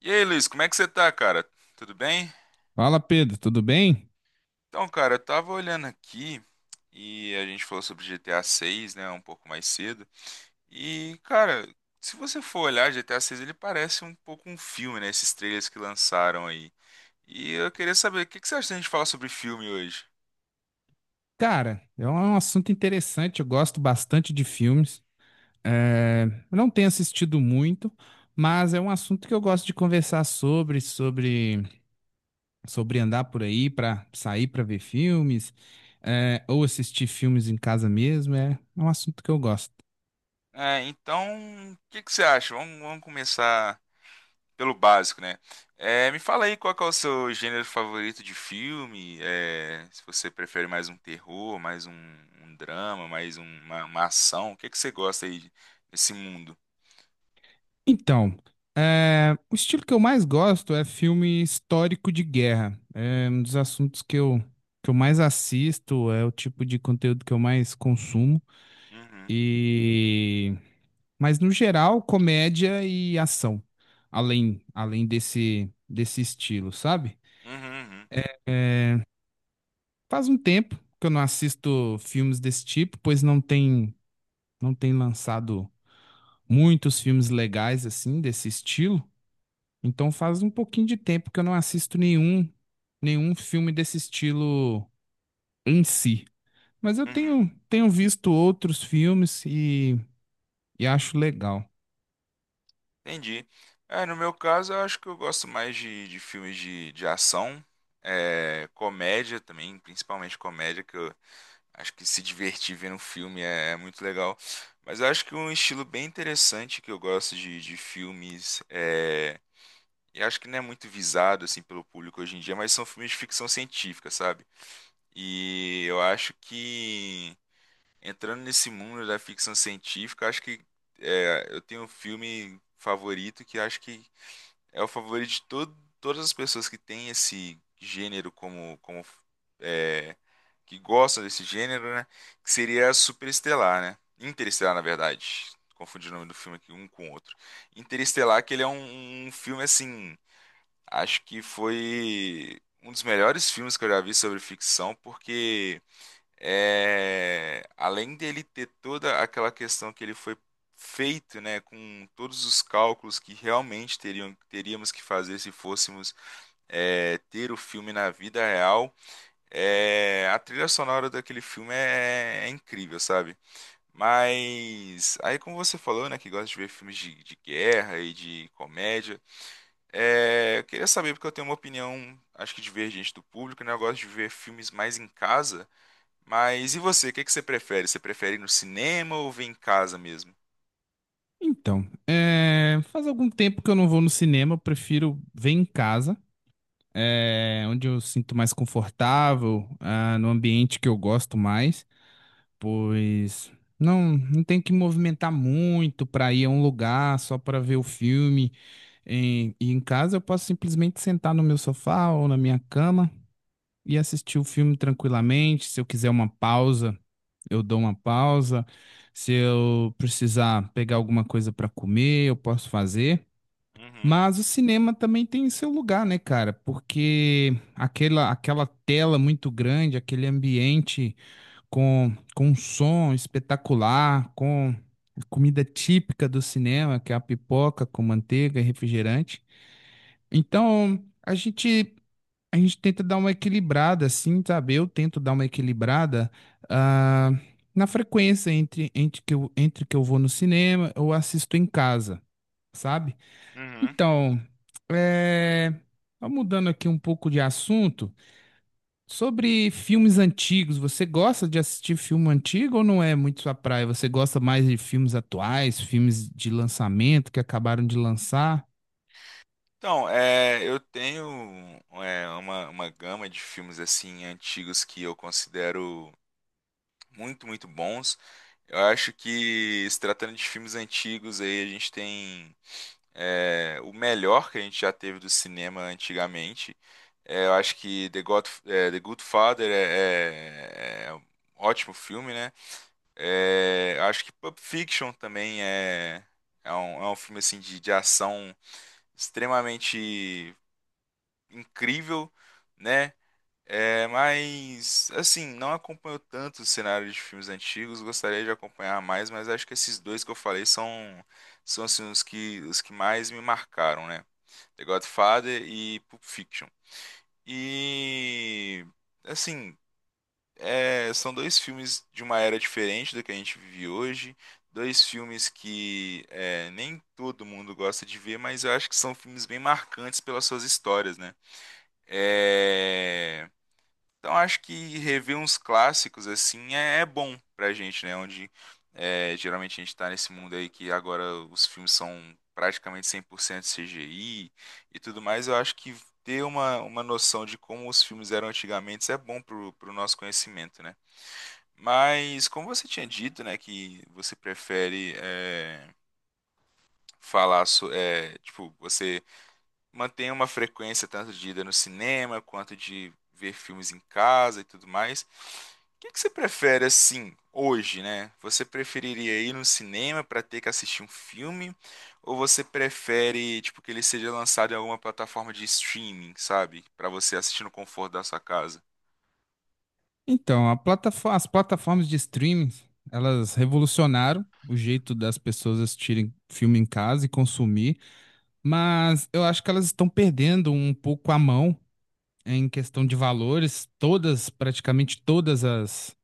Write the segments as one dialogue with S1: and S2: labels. S1: E aí, Luiz, como é que você tá, cara? Tudo bem?
S2: Fala, Pedro, tudo bem?
S1: Então, cara, eu tava olhando aqui e a gente falou sobre GTA 6, né, um pouco mais cedo. E, cara, se você for olhar GTA 6, ele parece um pouco um filme, né, esses trailers que lançaram aí. E eu queria saber, o que que você acha da gente falar sobre filme hoje?
S2: Cara, é um assunto interessante, eu gosto bastante de filmes. É, eu não tenho assistido muito, mas é um assunto que eu gosto de conversar sobre andar por aí para sair para ver filmes, ou assistir filmes em casa mesmo, é um assunto que eu gosto.
S1: É, então, o que que você acha? Vamos começar pelo básico, né? Me fala aí qual que é o seu gênero favorito de filme. Se você prefere mais um terror, um drama, uma ação. O que é que você gosta aí desse mundo?
S2: Então, é, o estilo que eu mais gosto é filme histórico de guerra. É um dos assuntos que eu mais assisto, é o tipo de conteúdo que eu mais consumo.
S1: Uhum,
S2: E... Mas, no geral, comédia e ação, além desse estilo, sabe?
S1: uhum, uhum,
S2: Faz um tempo que eu não assisto filmes desse tipo, pois não tem lançado muitos filmes legais assim desse estilo. Então faz um pouquinho de tempo que eu não assisto nenhum filme desse estilo em si. Mas eu
S1: uhum.
S2: tenho visto outros filmes e acho legal.
S1: Entendi. É, no meu caso, eu acho que eu gosto mais de filmes de ação, é, comédia também, principalmente comédia, que eu acho que se divertir vendo um filme é, é muito legal. Mas eu acho que um estilo bem interessante que eu gosto de filmes, é, e acho que não é muito visado assim pelo público hoje em dia, mas são filmes de ficção científica, sabe? E eu acho que entrando nesse mundo da ficção científica, acho que é, eu tenho um filme favorito que acho que é o favorito de todas as pessoas que têm esse gênero como, como é, que gostam desse gênero, né? Que seria Superestelar, né? Interestelar, na verdade. Confundi o nome do filme aqui um com o outro. Interestelar, que ele é um, um filme assim, acho que foi um dos melhores filmes que eu já vi sobre ficção, porque é, além dele ter toda aquela questão que ele foi feito, né, com todos os cálculos que realmente teríamos que fazer se fôssemos é, ter o filme na vida real, é, a trilha sonora daquele filme é, é incrível, sabe? Mas aí, como você falou, né, que gosta de ver filmes de guerra e de comédia, é, eu queria saber porque eu tenho uma opinião, acho que divergente do público, né? Eu gosto de ver filmes mais em casa. Mas e você? O que que você prefere? Você prefere ir no cinema ou ver em casa mesmo?
S2: Então, é, faz algum tempo que eu não vou no cinema, eu prefiro ver em casa, é, onde eu sinto mais confortável, ah, no ambiente que eu gosto mais. Pois não tem que movimentar muito para ir a um lugar só para ver o filme. E em casa eu posso simplesmente sentar no meu sofá ou na minha cama e assistir o filme tranquilamente. Se eu quiser uma pausa, eu dou uma pausa. Se eu precisar pegar alguma coisa para comer, eu posso fazer.
S1: Uhum,
S2: Mas o cinema também tem seu lugar, né, cara? Porque aquela tela muito grande, aquele ambiente com um som espetacular, com a comida típica do cinema, que é a pipoca com manteiga e refrigerante. Então, a gente tenta dar uma equilibrada, assim, sabe? Eu tento dar uma equilibrada ah, na frequência entre que eu vou no cinema ou assisto em casa, sabe?
S1: uhum.
S2: Então, é, só mudando aqui um pouco de assunto. Sobre filmes antigos, você gosta de assistir filme antigo ou não é muito sua praia? Você gosta mais de filmes atuais, filmes de lançamento que acabaram de lançar?
S1: Então, é, eu tenho é, uma gama de filmes assim antigos que eu considero muito, muito bons. Eu acho que se tratando de filmes antigos aí a gente tem é, o melhor que a gente já teve do cinema antigamente. É, eu acho que The Good Father é um ótimo filme, né? É, acho que Pulp Fiction também é, é um filme assim de ação extremamente incrível, né? É, mas assim, não acompanho tanto o cenário de filmes antigos, gostaria de acompanhar mais, mas acho que esses dois que eu falei são, são assim, os que mais me marcaram, né? The Godfather e Pulp Fiction. E assim, é, são dois filmes de uma era diferente do que a gente vive hoje. Dois filmes que é, nem todo mundo gosta de ver, mas eu acho que são filmes bem marcantes pelas suas histórias, né? É, então acho que rever uns clássicos assim é, é bom pra gente, né? Onde é, geralmente a gente tá nesse mundo aí que agora os filmes são praticamente 100% CGI e tudo mais. Eu acho que ter uma noção de como os filmes eram antigamente é bom pro, pro nosso conhecimento, né? Mas como você tinha dito, né, que você prefere é, falar, so, é, tipo, você mantém uma frequência tanto de ida no cinema quanto de ver filmes em casa e tudo mais. O que é que você prefere assim hoje, né? Você preferiria ir no cinema para ter que assistir um filme ou você prefere, tipo, que ele seja lançado em alguma plataforma de streaming, sabe, para você assistir no conforto da sua casa?
S2: Então, as plataformas de streaming, elas revolucionaram o jeito das pessoas assistirem filme em casa e consumir, mas eu acho que elas estão perdendo um pouco a mão em questão de valores. Todas, praticamente todas as,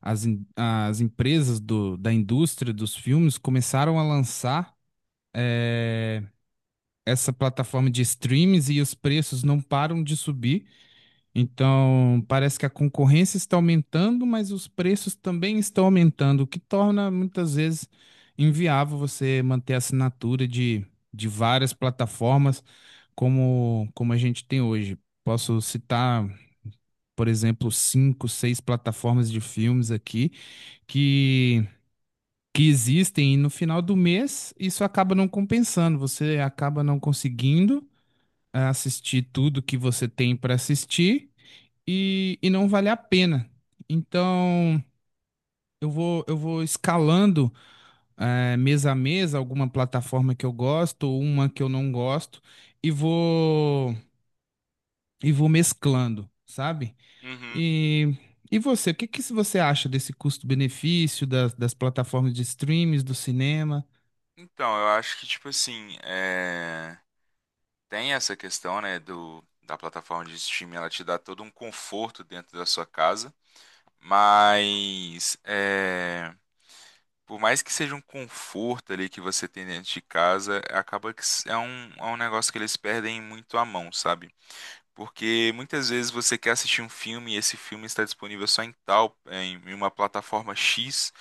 S2: as, em- as empresas da indústria dos filmes começaram a lançar é, essa plataforma de streams e os preços não param de subir. Então, parece que a concorrência está aumentando, mas os preços também estão aumentando, o que torna muitas vezes inviável você manter a assinatura de várias plataformas como a gente tem hoje. Posso citar, por exemplo, cinco, seis plataformas de filmes aqui que que existem e no final do mês isso acaba não compensando, você acaba não conseguindo assistir tudo que você tem para assistir e não vale a pena. Então eu vou escalando mês a mês alguma plataforma que eu gosto, uma que eu não gosto e vou e vou mesclando, sabe?
S1: Uhum.
S2: E E você, o que que você acha desse custo-benefício das, das plataformas de streams, do cinema?
S1: Então, eu acho que tipo assim, é... Tem essa questão, né, do, da plataforma de streaming, ela te dá todo um conforto dentro da sua casa, mas é, por mais que seja um conforto ali que você tem dentro de casa, acaba que é um negócio que eles perdem muito a mão, sabe? Porque muitas vezes você quer assistir um filme e esse filme está disponível só em tal, em uma plataforma X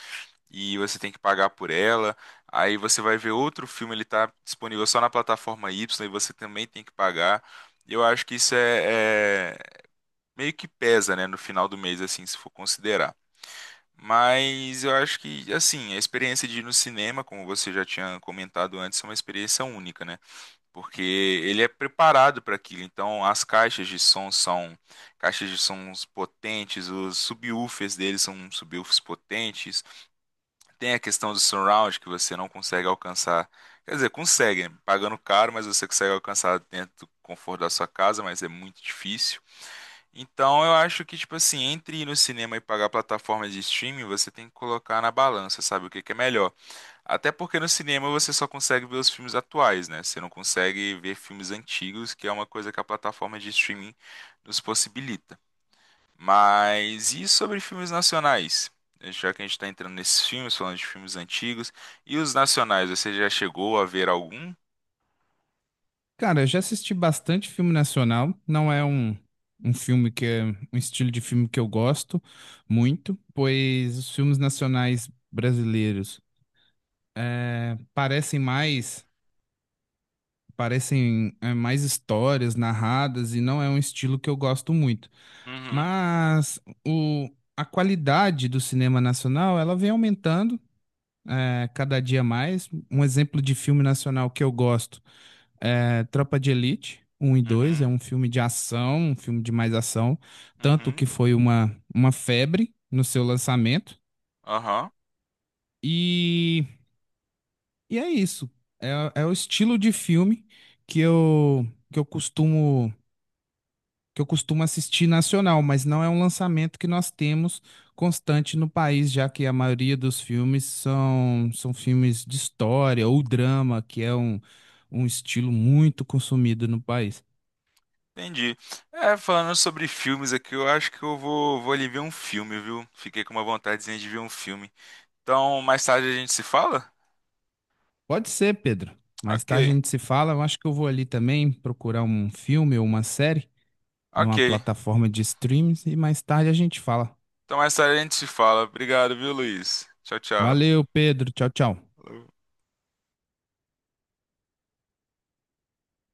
S1: e você tem que pagar por ela. Aí você vai ver outro filme, ele está disponível só na plataforma Y e você também tem que pagar. Eu acho que isso meio que pesa, né, no final do mês, assim, se for considerar. Mas eu acho que, assim, a experiência de ir no cinema, como você já tinha comentado antes, é uma experiência única, né? Porque ele é preparado para aquilo. Então, as caixas de som são caixas de sons potentes, os subwoofers deles são subwoofers potentes. Tem a questão do surround que você não consegue alcançar. Quer dizer, consegue, né? Pagando caro, mas você consegue alcançar dentro do conforto da sua casa, mas é muito difícil. Então, eu acho que, tipo assim, entre ir no cinema e pagar plataformas de streaming, você tem que colocar na balança, sabe? O que que é melhor? Até porque no cinema você só consegue ver os filmes atuais, né? Você não consegue ver filmes antigos, que é uma coisa que a plataforma de streaming nos possibilita. Mas e sobre filmes nacionais? Já que a gente está entrando nesses filmes, falando de filmes antigos, e os nacionais, você já chegou a ver algum?
S2: Cara, eu já assisti bastante filme nacional. Não é um filme que é um estilo de filme que eu gosto muito, pois os filmes nacionais brasileiros eh, parecem mais histórias narradas e não é um estilo que eu gosto muito.
S1: Uhum,
S2: Mas o, a qualidade do cinema nacional ela vem aumentando cada dia mais. Um exemplo de filme nacional que eu gosto. É, Tropa de Elite 1 e 2, é
S1: uhum,
S2: um filme de ação, um filme de mais ação, tanto
S1: uhum,
S2: que foi uma febre no seu lançamento.
S1: aham,
S2: E, e é isso. É, é o estilo de filme que eu, que eu costumo que eu costumo assistir nacional, mas não é um lançamento que nós temos constante no país, já que a maioria dos filmes são, são filmes de história ou drama, que é um, um estilo muito consumido no país.
S1: entendi. É, falando sobre filmes aqui, eu acho que eu vou ali ver um filme, viu? Fiquei com uma vontadezinha de ver um filme. Então, mais tarde a gente se fala?
S2: Pode ser, Pedro. Mais
S1: Ok.
S2: tarde a gente se fala. Eu acho que eu vou ali também procurar um filme ou uma série numa
S1: Ok.
S2: plataforma de streams e mais tarde a gente fala.
S1: Então mais tarde a gente se fala. Obrigado, viu, Luiz? Tchau, tchau.
S2: Valeu, Pedro. Tchau, tchau.
S1: Falou.